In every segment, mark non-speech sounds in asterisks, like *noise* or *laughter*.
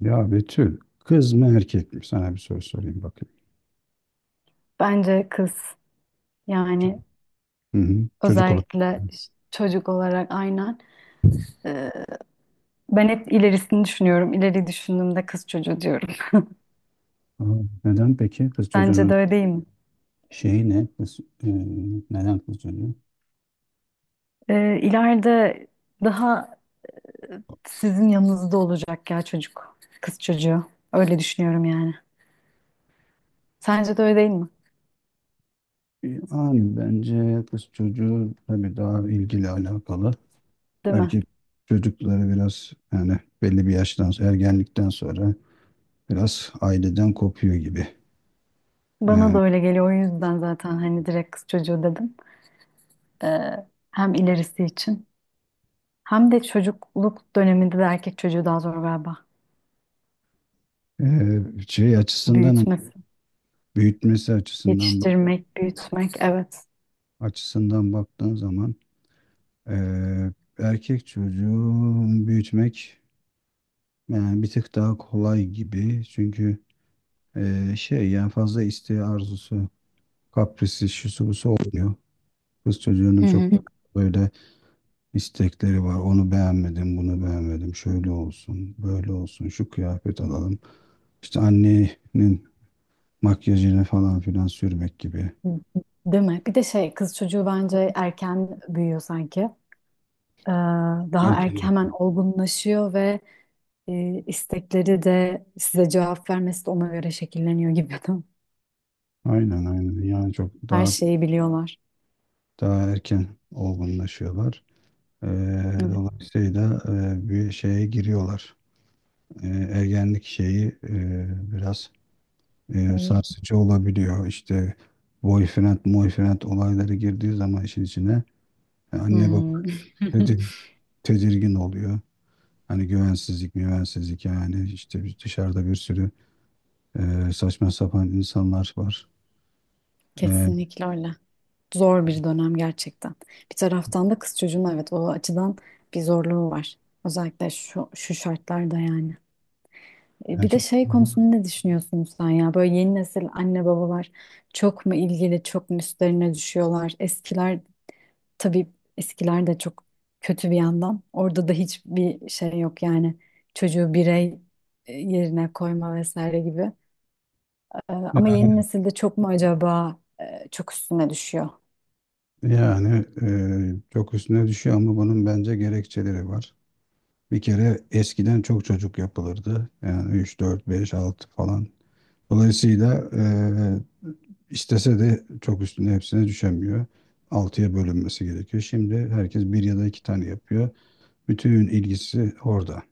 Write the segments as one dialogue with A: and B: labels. A: Ya Betül, kız mı erkek mi? Sana bir soru sorayım bakayım.
B: Bence kız yani
A: Hı hı. Çocuk olarak.
B: özellikle çocuk olarak aynen. Ee, Ben hep ilerisini düşünüyorum. İleri düşündüğümde kız çocuğu diyorum.
A: Aa, neden peki? Kız
B: *laughs* Bence
A: çocuğunun
B: de öyle değil mi?
A: şeyi ne? Neden kız çocuğu?
B: İleride daha sizin yanınızda olacak ya çocuk. Kız çocuğu. Öyle düşünüyorum yani. Sence de öyle değil mi?
A: Abi bence kız çocuğu tabii daha ilgili alakalı.
B: Değil mi?
A: Erkek çocukları biraz yani belli bir yaştan sonra, ergenlikten sonra biraz aileden kopuyor gibi.
B: Bana da
A: Yani
B: öyle geliyor. O yüzden zaten hani direkt kız çocuğu dedim. Ee, Hem ilerisi için. Hem de çocukluk döneminde de erkek çocuğu daha zor galiba.
A: şey açısından
B: Büyütmesi.
A: büyütmesi
B: Yetiştirmek, büyütmek, evet.
A: açısından baktığın zaman. Ee, erkek çocuğu büyütmek yani bir tık daha kolay gibi. Çünkü şey yani fazla isteği arzusu, kaprisi, şusu busu olmuyor. Kız
B: Hı
A: çocuğunun çok
B: hı.
A: böyle istekleri var. Onu beğenmedim, bunu beğenmedim. Şöyle olsun, böyle olsun, şu kıyafet alalım. İşte annenin makyajını falan filan sürmek gibi.
B: Hı. Değil mi? Bir de şey, kız çocuğu bence erken büyüyor sanki. Ee, Daha erken
A: Erken.
B: hemen olgunlaşıyor ve istekleri de size cevap vermesi de ona göre şekilleniyor gibi.
A: Aynen aynen. Yani çok
B: *laughs* Her
A: daha
B: şeyi biliyorlar.
A: daha erken olgunlaşıyorlar. E,
B: Evet.
A: dolayısıyla bir şeye giriyorlar. Ergenlik şeyi biraz
B: Hmm.
A: sarsıcı olabiliyor. İşte boyfriend, boyfriend olayları girdiği zaman işin içine anne baba
B: Hmm. *laughs*
A: tedir- tedirgin oluyor. Hani güvensizlik, güvensizlik yani işte dışarıda bir sürü saçma sapan insanlar var. E,
B: Kesinlikle öyle. Zor bir dönem gerçekten. Bir taraftan da kız çocuğun evet o açıdan bir zorluğu var. Özellikle şu şartlarda yani. E,
A: yani
B: bir de
A: çok
B: şey konusunda ne düşünüyorsun sen ya? Böyle yeni nesil anne babalar çok mu ilgili, çok mu üstlerine düşüyorlar? Eskiler tabii eskiler de çok kötü bir yandan. Orada da hiçbir şey yok yani. Çocuğu birey yerine koyma vesaire gibi. Ama yeni nesilde çok mu acaba çok üstüne düşüyor?
A: yani çok üstüne düşüyor ama bunun bence gerekçeleri var. Bir kere eskiden çok çocuk yapılırdı. Yani 3 4 5 6 falan. Dolayısıyla istese de çok üstüne hepsine düşemiyor. Altıya bölünmesi gerekiyor. Şimdi herkes bir ya da iki tane yapıyor. Bütün ilgisi orada.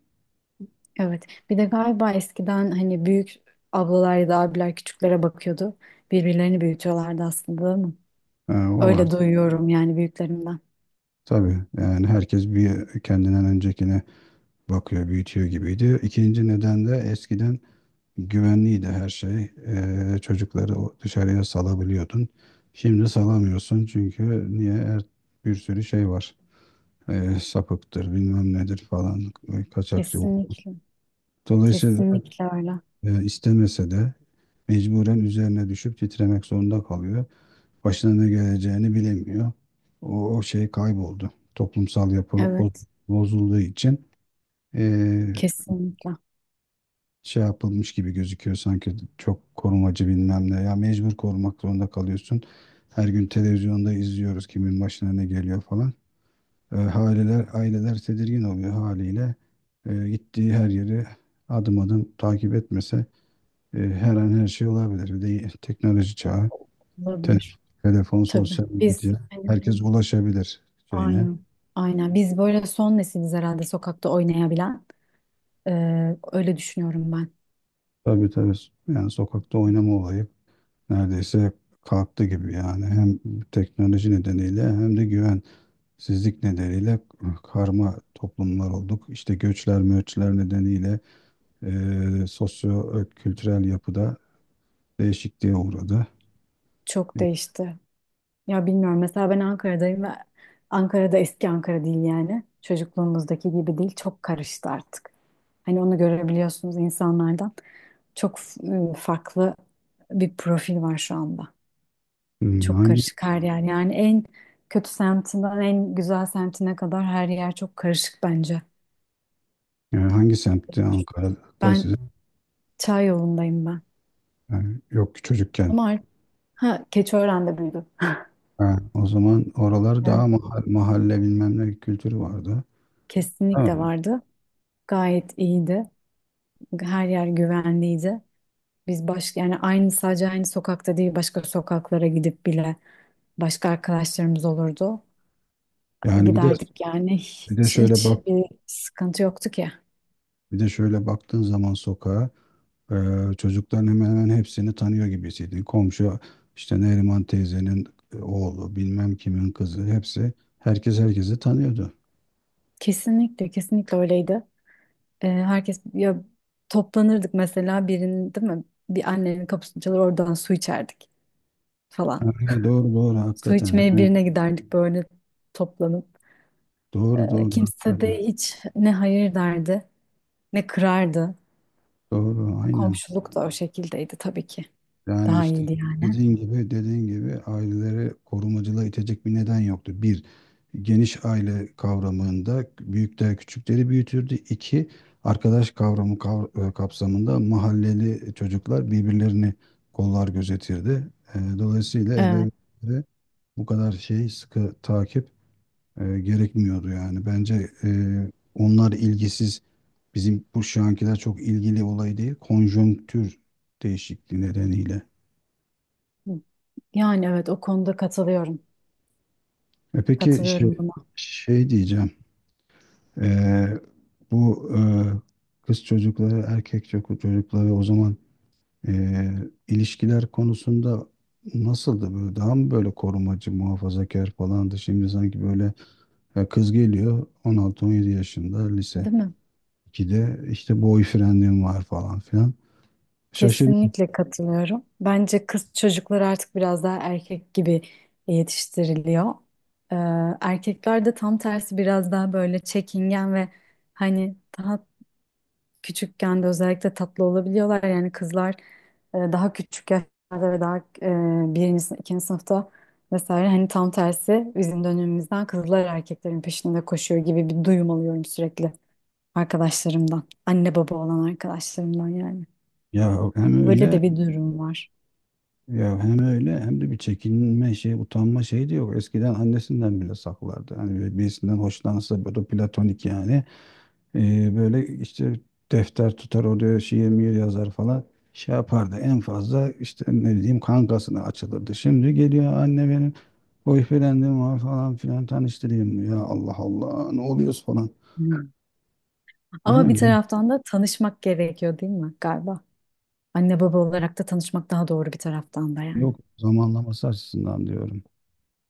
B: Evet. Bir de galiba eskiden hani büyük ablalar ya da abiler küçüklere bakıyordu. Birbirlerini büyütüyorlardı aslında değil mi?
A: Ha, o var.
B: Öyle duyuyorum yani büyüklerimden.
A: Tabii yani herkes bir kendinden öncekine bakıyor, büyütüyor gibiydi. İkinci neden de eskiden güvenliydi her şey. Çocukları dışarıya salabiliyordun. Şimdi salamıyorsun çünkü niye? Bir sürü şey var. Sapıktır, bilmem nedir falan, kaçakçı.
B: Kesinlikle.
A: Dolayısıyla
B: Kesinlikle öyle.
A: istemese de mecburen üzerine düşüp titremek zorunda kalıyor. Başına ne geleceğini bilemiyor. O şey kayboldu. Toplumsal yapı
B: Evet.
A: bozulduğu için e,
B: Kesinlikle.
A: şey yapılmış gibi gözüküyor sanki çok korumacı bilmem ne. Ya mecbur korumak zorunda kalıyorsun. Her gün televizyonda izliyoruz kimin başına ne geliyor falan. Aileler tedirgin oluyor haliyle. Gittiği her yeri adım adım takip etmese her an her şey olabilir. Bir de teknoloji çağı, te-
B: Olabilir.
A: telefon,
B: Tabii.
A: sosyal
B: Biz
A: medya
B: hani,
A: herkes ulaşabilir şeyine.
B: aynen. Aynen. Biz böyle son nesiliz herhalde sokakta oynayabilen. Öyle düşünüyorum ben.
A: Tabii tabii yani sokakta oynama olayı neredeyse kalktı gibi yani hem teknoloji nedeniyle hem de güven sizlik nedeniyle karma toplumlar olduk. İşte göçler, möçler nedeniyle sosyo-kültürel yapıda değişikliğe uğradı.
B: Çok değişti. Ya bilmiyorum. Mesela ben Ankara'dayım ve Ankara'da eski Ankara değil yani. Çocukluğumuzdaki gibi değil. Çok karıştı artık. Hani onu görebiliyorsunuz insanlardan. Çok farklı bir profil var şu anda.
A: Hmm.
B: Çok
A: Hangi
B: karışık her yer. Yani en kötü semtinden en güzel semtine kadar her yer çok karışık bence.
A: yani hangi semtti Ankara'da
B: Ben
A: sizin?
B: Çay yolundayım ben.
A: Yani yok ki çocukken.
B: Ama artık ha, Keçiören'de büyüdüm.
A: Ha, o zaman oralar daha
B: Evet,
A: mahalle, mahalle bilmem ne kültürü vardı. Ha.
B: kesinlikle vardı. Gayet iyiydi. Her yer güvenliydi. Biz baş Yani aynı sokakta değil başka sokaklara gidip bile başka arkadaşlarımız olurdu.
A: Yani bir de
B: Giderdik yani
A: bir de şöyle
B: hiç
A: bak
B: bir sıkıntı yoktu ki.
A: Bir de şöyle baktığın zaman sokağa çocukların hemen hemen hepsini tanıyor gibisiydin. Komşu işte Neriman teyzenin oğlu, bilmem kimin kızı hepsi herkes herkesi tanıyordu.
B: Kesinlikle öyleydi. Herkes ya toplanırdık mesela birinin değil mi? Bir annenin kapısını çalar oradan su içerdik falan.
A: Aynen, doğru doğru
B: Su
A: hakikaten.
B: içmeye
A: He,
B: birine giderdik böyle toplanıp.
A: doğru doğru
B: Kimse
A: hakikaten.
B: de hiç ne hayır derdi ne kırardı.
A: Doğru aynen.
B: Komşuluk da o şekildeydi tabii ki.
A: Yani
B: Daha
A: işte
B: iyiydi yani.
A: dediğin gibi aileleri korumacılığa itecek bir neden yoktu. Bir, geniş aile kavramında büyükler küçükleri büyütürdü. İki, arkadaş kavramı kapsamında mahalleli çocuklar birbirlerini kollar gözetirdi. Dolayısıyla
B: Evet.
A: ebeveynlere bu kadar şey sıkı takip gerekmiyordu yani. Bence onlar ilgisiz bizim şu ankiler çok ilgili olayı değil, konjonktür değişikliği nedeniyle.
B: Yani evet o konuda katılıyorum.
A: E peki şey,
B: Katılıyorum buna.
A: şey diyeceğim. Ee, bu kız çocukları, erkek çocukları o zaman e, ilişkiler konusunda nasıldı böyle? Daha mı böyle korumacı, muhafazakar falandı? Şimdi sanki böyle kız geliyor 16-17 yaşında lise
B: Değil mi?
A: 2'de işte boyfriendim var falan filan. Şaşırdım.
B: Kesinlikle katılıyorum. Bence kız çocukları artık biraz daha erkek gibi yetiştiriliyor. Ee, Erkekler de tam tersi biraz daha böyle çekingen ve hani daha küçükken de özellikle tatlı olabiliyorlar. Yani kızlar daha küçük yaşlarda ve daha ikinci sınıfta vesaire hani tam tersi bizim dönemimizden kızlar erkeklerin peşinde koşuyor gibi bir duyum alıyorum sürekli arkadaşlarımdan. Anne baba olan arkadaşlarımdan yani.
A: Ya hem
B: Öyle
A: öyle
B: de bir durum var.
A: Ya hem öyle hem de bir çekinme şey, utanma şeyi de yok. Eskiden annesinden bile saklardı. Hani böyle birisinden hoşlansa böyle platonik yani. Böyle işte defter tutar oraya şiir miyir yazar falan. Şey yapardı en fazla işte ne diyeyim kankasına açılırdı. Şimdi geliyor anne benim boyfriendim var falan filan tanıştırayım mı? Ya Allah Allah ne oluyoruz falan.
B: Hmm.
A: Değil
B: Ama bir
A: mi?
B: taraftan da tanışmak gerekiyor değil mi galiba? Anne baba olarak da tanışmak daha doğru bir taraftan da yani.
A: Yok zamanlaması açısından diyorum.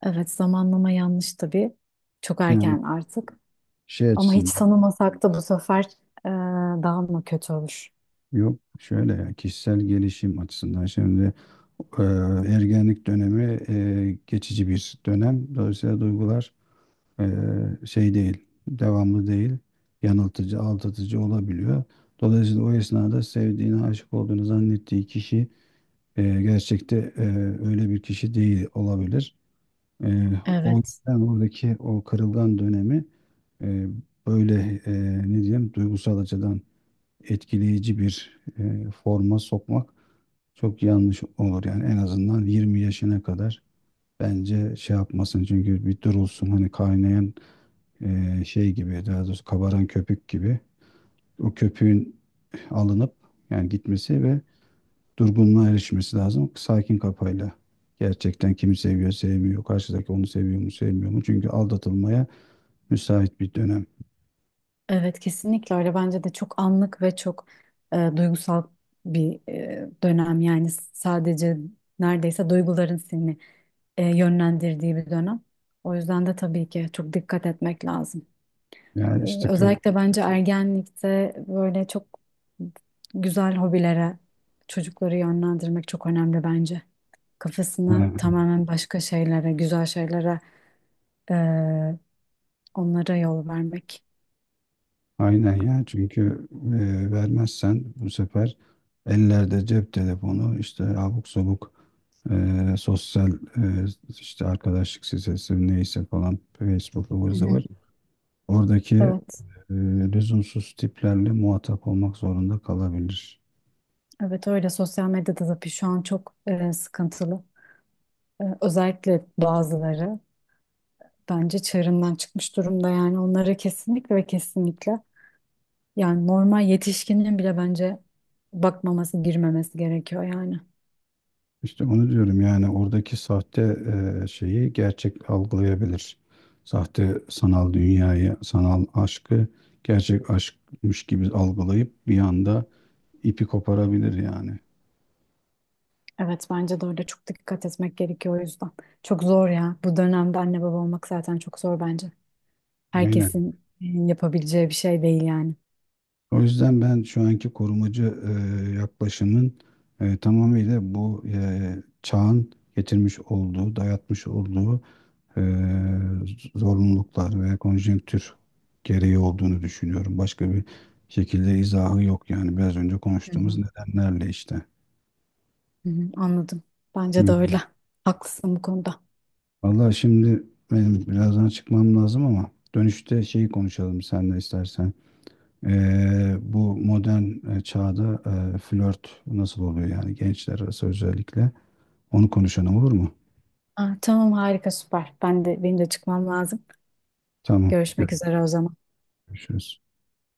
B: Evet zamanlama yanlış tabii. Çok
A: Yani
B: erken artık.
A: şey
B: Ama hiç
A: açısından.
B: tanımasak da bu sefer e, daha mı kötü olur?
A: Yok şöyle ya kişisel gelişim açısından şimdi e, ergenlik dönemi geçici bir dönem. Dolayısıyla duygular e, şey değil, devamlı değil, yanıltıcı, aldatıcı olabiliyor. Dolayısıyla o esnada sevdiğini, aşık olduğunu zannettiği kişi gerçekte öyle bir kişi değil olabilir. E, o
B: Evet,
A: yüzden oradaki o kırılgan dönemi e, böyle e, ne diyeyim duygusal açıdan etkileyici bir forma sokmak çok yanlış olur yani en azından 20 yaşına kadar bence şey yapmasın çünkü bir durulsun hani kaynayan şey gibi daha doğrusu kabaran köpük gibi o köpüğün alınıp yani gitmesi ve durgunluğa erişmesi lazım sakin kafayla. Gerçekten kimi seviyor sevmiyor karşıdaki onu seviyor mu sevmiyor mu çünkü aldatılmaya müsait bir dönem.
B: evet kesinlikle öyle. Bence de çok anlık ve çok duygusal bir dönem. Yani sadece neredeyse duyguların seni yönlendirdiği bir dönem. O yüzden de tabii ki çok dikkat etmek lazım.
A: Yani
B: E,
A: işte.
B: özellikle bence ergenlikte böyle çok güzel hobilere çocukları yönlendirmek çok önemli bence. Kafasını
A: Evet.
B: tamamen başka şeylere, güzel şeylere. Ee, Onlara yol vermek.
A: Aynen ya çünkü vermezsen bu sefer ellerde cep telefonu işte abuk sabuk sosyal işte arkadaşlık sitesi neyse falan Facebook ıvır
B: Hı hı.
A: zıvır oradaki
B: Evet,
A: e, lüzumsuz tiplerle muhatap olmak zorunda kalabilir.
B: evet öyle sosyal medyada tabii şu an çok sıkıntılı. E, özellikle bazıları bence çığırından çıkmış durumda yani onlara kesinlikle ve kesinlikle yani normal yetişkinin bile bence bakmaması, girmemesi gerekiyor yani.
A: İşte onu diyorum yani oradaki sahte şeyi gerçek algılayabilir. Sahte sanal dünyayı, sanal aşkı gerçek aşkmış gibi algılayıp bir anda ipi koparabilir yani.
B: Evet bence de öyle çok dikkat etmek gerekiyor o yüzden. Çok zor ya. Bu dönemde anne baba olmak zaten çok zor bence.
A: Aynen.
B: Herkesin yapabileceği bir şey değil yani.
A: O yüzden ben şu anki korumacı yaklaşımın tamamıyla bu çağın getirmiş olduğu, dayatmış olduğu e, zorunluluklar ve konjonktür gereği olduğunu düşünüyorum. Başka bir şekilde izahı yok yani biraz önce konuştuğumuz nedenlerle işte.
B: Hı hı, anladım. Bence de
A: Hı.
B: öyle. Haklısın bu konuda.
A: Vallahi şimdi benim birazdan çıkmam lazım ama dönüşte şeyi konuşalım sen de istersen. Bu modern çağda flört nasıl oluyor yani gençler arası özellikle onu konuşalım olur mu?
B: Ah, tamam harika süper. Ben de benim de çıkmam lazım.
A: Tamam,
B: Görüşmek üzere o zaman.
A: görüşürüz.